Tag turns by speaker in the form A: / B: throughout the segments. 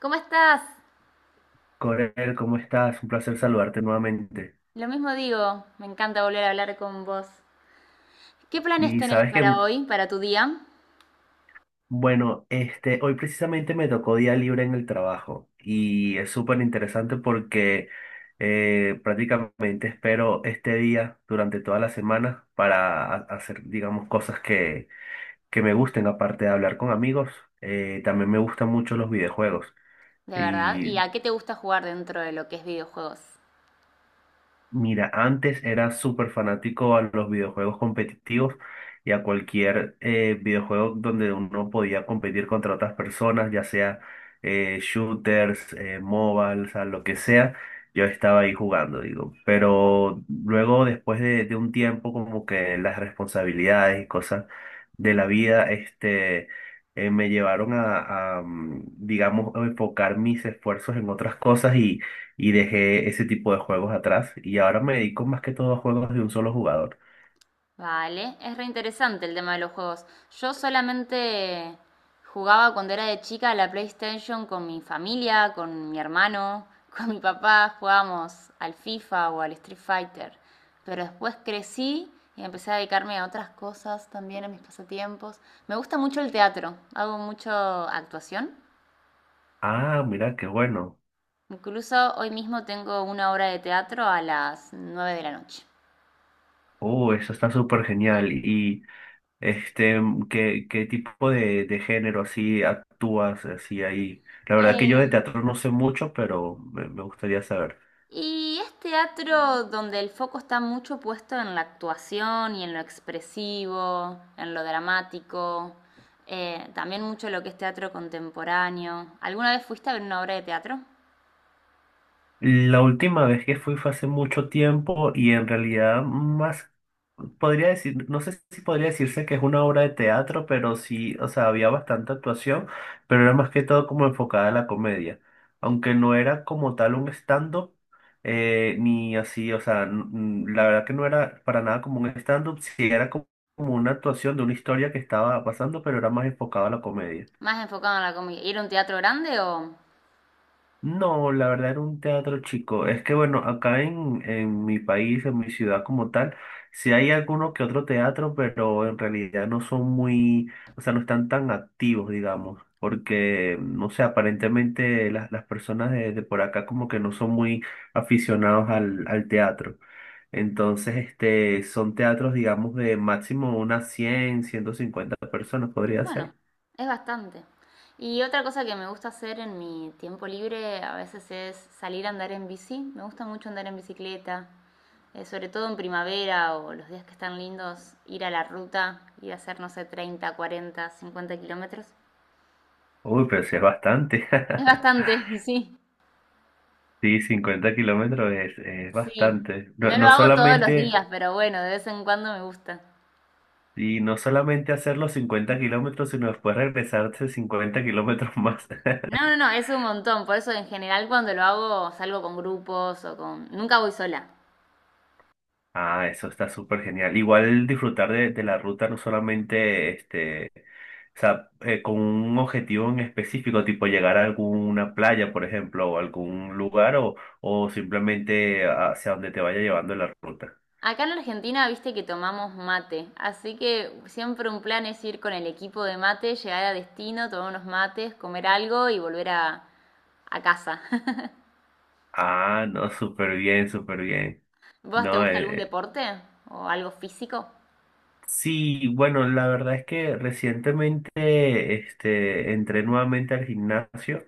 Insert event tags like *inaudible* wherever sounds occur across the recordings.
A: ¿Cómo estás?
B: Corel, ¿cómo estás? Un placer saludarte nuevamente.
A: Lo mismo digo, me encanta volver a hablar con vos. ¿Qué planes
B: Y
A: tenés
B: sabes que,
A: para hoy, para tu día?
B: bueno, hoy precisamente me tocó día libre en el trabajo y es súper interesante porque prácticamente espero este día durante toda la semana para hacer, digamos, cosas que me gusten, aparte de hablar con amigos. También me gustan mucho los videojuegos.
A: De verdad, ¿y
B: Y
A: a qué te gusta jugar dentro de lo que es videojuegos?
B: mira, antes era súper fanático a los videojuegos competitivos y a cualquier videojuego donde uno podía competir contra otras personas, ya sea shooters, mobile, o sea, lo que sea, yo estaba ahí jugando, digo. Pero luego, después de un tiempo, como que las responsabilidades y cosas de la vida, me llevaron digamos, a enfocar mis esfuerzos en otras cosas y dejé ese tipo de juegos atrás y ahora me dedico más que todo a juegos de un solo jugador.
A: Vale, es re interesante el tema de los juegos. Yo solamente jugaba cuando era de chica a la PlayStation con mi familia, con mi hermano, *laughs* con mi papá, jugábamos al FIFA o al Street Fighter. Pero después crecí y empecé a dedicarme a otras cosas también, a mis pasatiempos. Me gusta mucho el teatro, hago mucho actuación.
B: Ah, mira, qué bueno.
A: Incluso hoy mismo tengo una obra de teatro a las 9 de la noche.
B: Oh, eso está súper genial. Y ¿qué, qué tipo de género así actúas así ahí? La verdad que yo de
A: Eh,
B: teatro no sé mucho, pero me gustaría saber.
A: Y es teatro donde el foco está mucho puesto en la actuación y en lo expresivo, en lo dramático, también mucho lo que es teatro contemporáneo. ¿Alguna vez fuiste a ver una obra de teatro?
B: La última vez que fui fue hace mucho tiempo y en realidad más podría decir, no sé si podría decirse que es una obra de teatro, pero sí, o sea, había bastante actuación, pero era más que todo como enfocada a la comedia. Aunque no era como tal un stand-up, ni así, o sea, la verdad que no era para nada como un stand-up, sí era como una actuación de una historia que estaba pasando, pero era más enfocada a la comedia.
A: Más enfocado en la comedia. ¿Y era un teatro grande o...?
B: No, la verdad era un teatro chico. Es que bueno, acá en mi país, en mi ciudad como tal, sí hay alguno que otro teatro, pero en realidad no son muy, o sea, no están tan activos, digamos, porque, no sé, aparentemente las personas de por acá como que no son muy aficionados al teatro. Entonces, son teatros, digamos, de máximo unas 100, 150 personas podría
A: Bueno,
B: ser.
A: es bastante. Y otra cosa que me gusta hacer en mi tiempo libre a veces es salir a andar en bici. Me gusta mucho andar en bicicleta, sobre todo en primavera o los días que están lindos, ir a la ruta, ir a hacer, no sé, 30, 40, 50 kilómetros.
B: Uy, pero sí es bastante.
A: Es
B: *laughs*
A: bastante, *laughs* sí,
B: Sí, 50 kilómetros es
A: sí.
B: bastante. No,
A: No lo
B: no
A: hago todos los
B: solamente,
A: días, pero bueno, de vez en cuando me gusta.
B: y no solamente hacer los 50 kilómetros, sino después regresarse 50 kilómetros más.
A: No,
B: *laughs*
A: no, no, es un montón. Por eso en general cuando lo hago salgo con grupos o con... Nunca voy sola.
B: Ah, eso está súper genial. Igual disfrutar de la ruta, no solamente o sea, con un objetivo en específico, tipo llegar a alguna playa, por ejemplo, o algún lugar, o simplemente hacia donde te vaya llevando la ruta.
A: Acá en Argentina, viste que tomamos mate, así que siempre un plan es ir con el equipo de mate, llegar a destino, tomar unos mates, comer algo y volver a casa. *laughs*
B: Ah, no, súper bien, súper bien.
A: ¿Vos te
B: No,
A: gusta algún deporte o algo físico?
B: sí, bueno, la verdad es que recientemente entré nuevamente al gimnasio.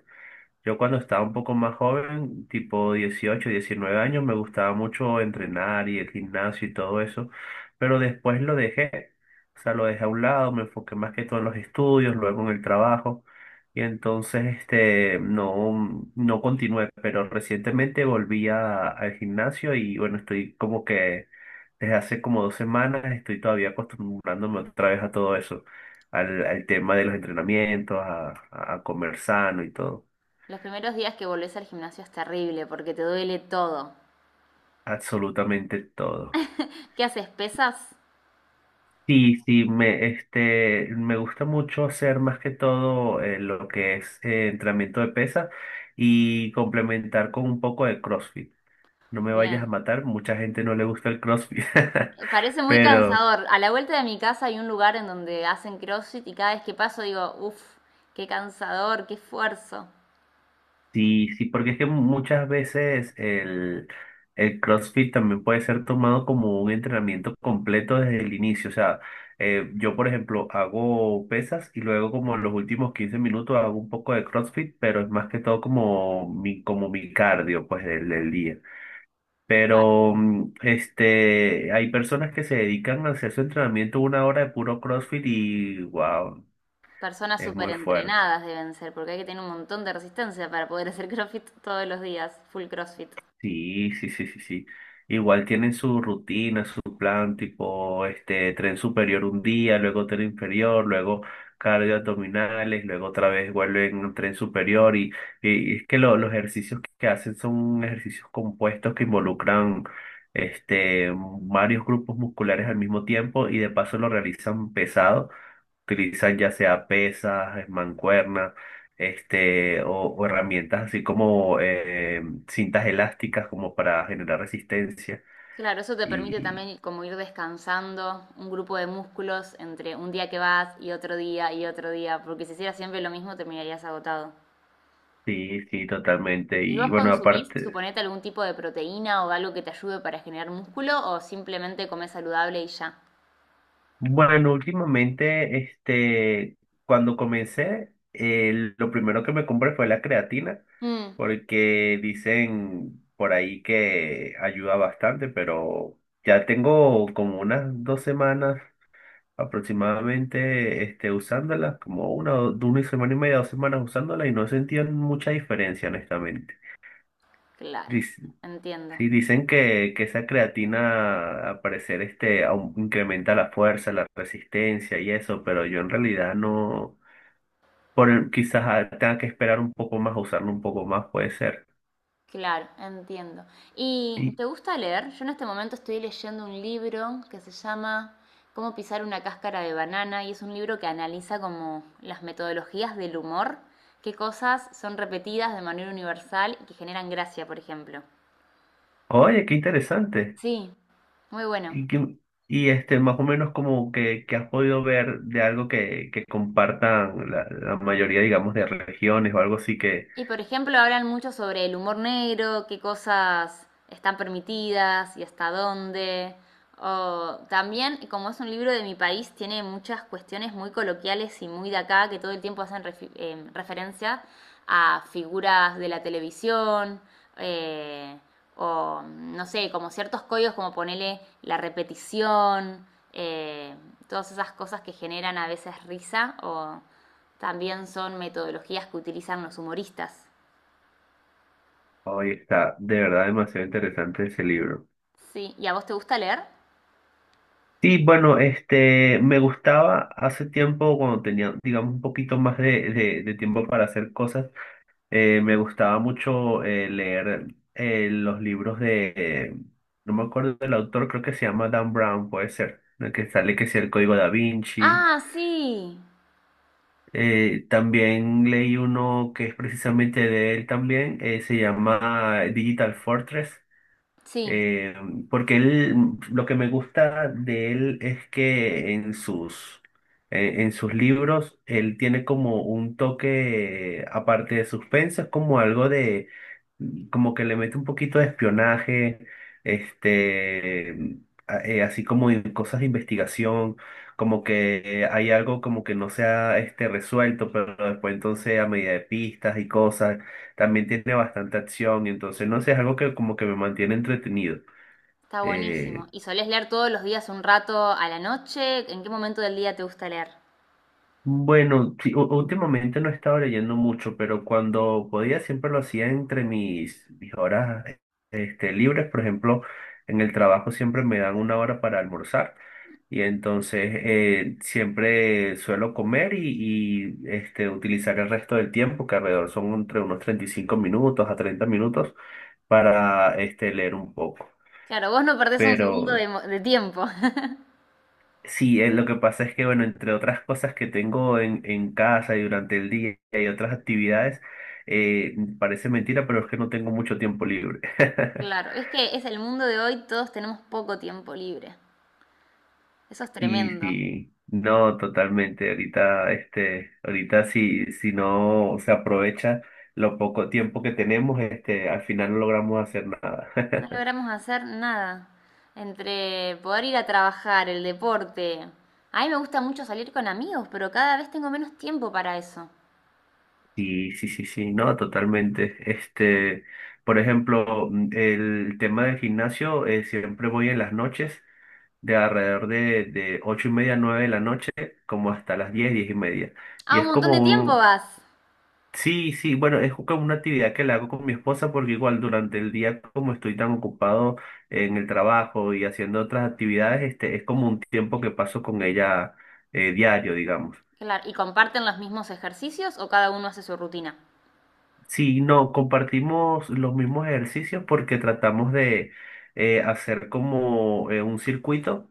B: Yo cuando estaba un poco más joven, tipo 18 19 años, me gustaba mucho entrenar y el gimnasio y todo eso, pero después lo dejé, o sea, lo dejé a un lado, me enfoqué más que todo en los estudios, luego en el trabajo, y entonces no, no continué, pero recientemente volví al gimnasio y bueno, estoy como que desde hace como 2 semanas estoy todavía acostumbrándome otra vez a todo eso, al tema de los entrenamientos, a comer sano y todo.
A: Los primeros días que volvés al gimnasio es terrible porque te duele todo.
B: Absolutamente todo.
A: ¿Qué haces? ¿Pesas?
B: Sí, sí, me gusta mucho hacer más que todo lo que es entrenamiento de pesa y complementar con un poco de CrossFit. No me vayas a
A: Bien.
B: matar, mucha gente no le gusta el CrossFit, *laughs*
A: Parece muy, claro,
B: pero...
A: cansador. A la vuelta de mi casa hay un lugar en donde hacen CrossFit y cada vez que paso digo, uff, qué cansador, qué esfuerzo.
B: Sí, sí, porque es que muchas veces el CrossFit también puede ser tomado como un entrenamiento completo desde el inicio. O sea, yo, por ejemplo, hago pesas y luego como en los últimos 15 minutos hago un poco de CrossFit, pero es más que todo como mi cardio, pues, del día.
A: Bueno,
B: Pero hay personas que se dedican a hacer su entrenamiento una hora de puro CrossFit y wow,
A: personas
B: es
A: súper
B: muy fuerte.
A: entrenadas deben ser, porque hay que tener un montón de resistencia para poder hacer CrossFit todos los días, full CrossFit.
B: Sí, sí, sí, sí, sí. Igual tienen su rutina, su plan, tipo, tren superior un día, luego tren inferior, luego cardio abdominales, luego otra vez vuelven a tren superior y es que los ejercicios que hacen son ejercicios compuestos que involucran, este, varios grupos musculares al mismo tiempo y de paso lo realizan pesado utilizan ya sea pesas, mancuernas, o herramientas así como cintas elásticas como para generar resistencia.
A: Claro, eso te permite
B: Y
A: también como ir descansando un grupo de músculos entre un día que vas y otro día, porque si hicieras siempre lo mismo terminarías agotado.
B: sí, sí, totalmente.
A: ¿Y
B: Y
A: vos
B: bueno,
A: consumís,
B: aparte,
A: suponete, algún tipo de proteína o algo que te ayude para generar músculo o simplemente comés saludable y ya?
B: bueno, últimamente, cuando comencé, lo primero que me compré fue la creatina,
A: Mm,
B: porque dicen por ahí que ayuda bastante, pero ya tengo como unas 2 semanas aproximadamente usándolas como una, de una semana y media, 2 semanas usándolas y no sentían mucha diferencia, honestamente.
A: claro,
B: Dic-
A: entiendo.
B: sí, dicen que esa creatina, al parecer, incrementa la fuerza, la resistencia y eso, pero yo en realidad no, por, quizás tenga que esperar un poco más, usarlo un poco más, puede ser.
A: Claro, entiendo. ¿Y
B: Y,
A: te gusta leer? Yo en este momento estoy leyendo un libro que se llama Cómo pisar una cáscara de banana y es un libro que analiza como las metodologías del humor, qué cosas son repetidas de manera universal y que generan gracia, por ejemplo.
B: oye, qué interesante.
A: Sí, muy bueno.
B: Y, que- y, más o menos como que has podido ver de algo que compartan la mayoría, digamos, de regiones o algo así, que
A: Y por ejemplo, hablan mucho sobre el humor negro, qué cosas están permitidas y hasta dónde. O también, como es un libro de mi país, tiene muchas cuestiones muy coloquiales y muy de acá que todo el tiempo hacen referencia a figuras de la televisión, eh, o, no sé, como ciertos códigos como ponele la repetición, eh, todas esas cosas que generan a veces risa o también son metodologías que utilizan los humoristas.
B: hoy está de verdad demasiado interesante ese libro.
A: Sí, ¿y a vos te gusta leer?
B: Sí, bueno, me gustaba hace tiempo cuando tenía, digamos, un poquito más de tiempo para hacer cosas, me gustaba mucho leer los libros de, no me acuerdo del autor, creo que se llama Dan Brown, puede ser, el que sale que sea el Código Da Vinci.
A: Ah, sí.
B: También leí uno que es precisamente de él también, se llama Digital Fortress,
A: Sí,
B: eh, porque él, lo que me gusta de él es que en sus, en sus libros él tiene como un toque, aparte de suspenso, es como algo como que le mete un poquito de espionaje, este, así como en cosas de investigación, como que hay algo como que no se ha resuelto, pero después entonces a medida de pistas y cosas, también tiene bastante acción, y entonces no sé, es algo que como que me mantiene entretenido.
A: está buenísimo.
B: Eh,
A: ¿Y solés leer todos los días un rato a la noche? ¿En qué momento del día te gusta leer?
B: Bueno, sí, últimamente no he estado leyendo mucho, pero cuando podía siempre lo hacía entre mis horas libres. Por ejemplo, en el trabajo siempre me dan una hora para almorzar y entonces siempre suelo comer y utilizar el resto del tiempo, que alrededor son entre unos 35 minutos a 30 minutos, para leer un poco.
A: Claro, vos no perdés un segundo
B: Pero
A: de tiempo. *laughs*
B: sí, lo que pasa es que, bueno, entre otras cosas que tengo en casa y durante el día y otras actividades, parece mentira, pero es que no tengo mucho tiempo libre. *laughs*
A: Claro, es que es el mundo de hoy, todos tenemos poco tiempo libre. Eso es
B: Sí,
A: tremendo.
B: sí, no, totalmente. Ahorita, ahorita si no se aprovecha lo poco tiempo que tenemos, al final no logramos hacer nada.
A: No
B: *laughs*
A: logramos hacer nada. Entre poder ir a trabajar, el deporte. A mí me gusta mucho salir con amigos, pero cada vez tengo menos tiempo para eso.
B: Sí, sí, sí, sí, no, totalmente. Por ejemplo, el tema del gimnasio, siempre voy en las noches de alrededor de 8:30, 9 de la noche, como hasta las 10, 10:30. Y
A: Ah,
B: es
A: un montón
B: como
A: de tiempo
B: un...
A: vas.
B: Sí, sí, bueno, es como una actividad que la hago con mi esposa porque igual durante el día, como estoy tan ocupado en el trabajo y haciendo otras actividades, es como un tiempo que paso con ella diario, digamos.
A: Claro, ¿y comparten los mismos ejercicios o cada uno hace su rutina?
B: Sí, no, compartimos los mismos ejercicios porque tratamos de hacer como un circuito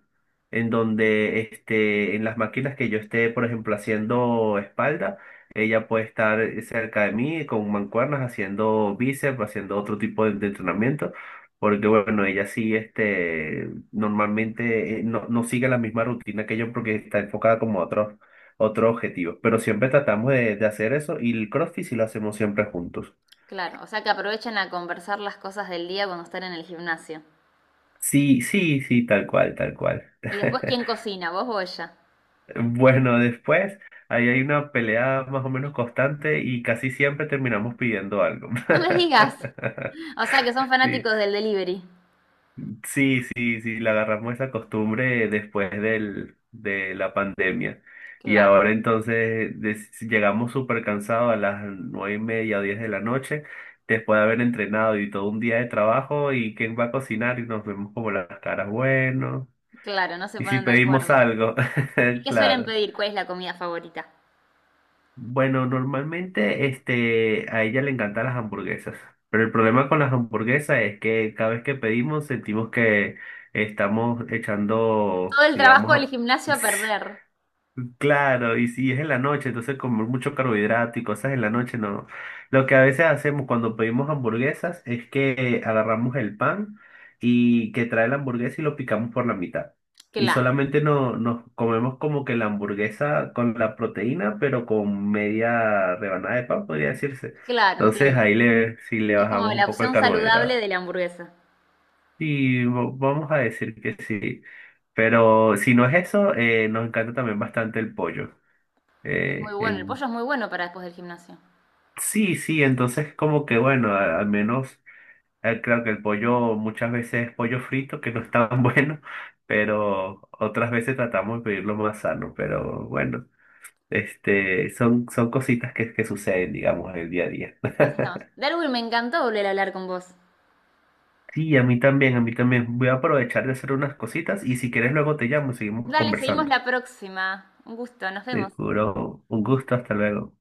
B: en donde en las máquinas que yo esté, por ejemplo, haciendo espalda, ella puede estar cerca de mí con mancuernas haciendo bíceps, haciendo otro tipo de entrenamiento, porque bueno, ella sí normalmente no, no sigue la misma rutina que yo porque está enfocada como a otros otro objetivo. Pero siempre tratamos de hacer eso y el CrossFit sí lo hacemos siempre juntos.
A: Claro, o sea que aprovechan a conversar las cosas del día cuando están en el gimnasio.
B: Sí, sí, sí, tal cual, tal cual.
A: Y después, ¿quién
B: *laughs*
A: cocina, vos o ella?
B: Bueno, después ahí hay una pelea más o menos constante y casi siempre terminamos pidiendo algo.
A: No me digas.
B: *laughs*
A: O sea que son
B: Sí,
A: fanáticos del delivery.
B: sí, sí, sí, le agarramos esa costumbre después de la pandemia. Y
A: Claro,
B: ahora entonces llegamos súper cansados a las 9:30, 10 de la noche, después de haber entrenado y todo un día de trabajo, y quién va a cocinar y nos vemos como las caras, bueno,
A: claro, no se
B: y si
A: ponen de
B: pedimos
A: acuerdo.
B: algo,
A: ¿Y
B: *laughs*
A: qué suelen
B: claro.
A: pedir? ¿Cuál es la comida favorita?
B: Bueno, normalmente a ella le encantan las hamburguesas, pero el problema con las hamburguesas es que cada vez que pedimos sentimos que estamos echando,
A: Todo el
B: digamos,
A: trabajo del
B: a...
A: gimnasio
B: *laughs*
A: a perder.
B: Claro, y si es en la noche, entonces comer mucho carbohidrato y cosas en la noche, no. Lo que a veces hacemos cuando pedimos hamburguesas es que agarramos el pan y que trae la hamburguesa y lo picamos por la mitad. Y
A: Claro,
B: solamente no, nos comemos como que la hamburguesa con la proteína, pero con media rebanada de pan, podría decirse.
A: claro,
B: Entonces
A: entiendo.
B: ahí le, sí le
A: Es como
B: bajamos un
A: la
B: poco el
A: opción saludable
B: carbohidrato.
A: de la hamburguesa.
B: Y vamos a decir que sí. Pero si no es eso, nos encanta también bastante el pollo.
A: Es muy
B: Eh,
A: bueno, el
B: em,
A: pollo es muy bueno para después del gimnasio.
B: sí, sí, entonces como que bueno, al menos creo que el pollo muchas veces es pollo frito, que no es tan *laughs* bueno, pero otras veces tratamos de pedirlo más sano, pero bueno, son cositas que suceden, digamos, en el día a día.
A: Así estamos.
B: *laughs*
A: Darwin, me encantó volver a hablar con vos.
B: Sí, a mí también, a mí también. Voy a aprovechar de hacer unas cositas y si quieres luego te llamo seguimos
A: Dale, seguimos
B: conversando.
A: la próxima. Un gusto, nos vemos.
B: Seguro, un gusto, hasta luego.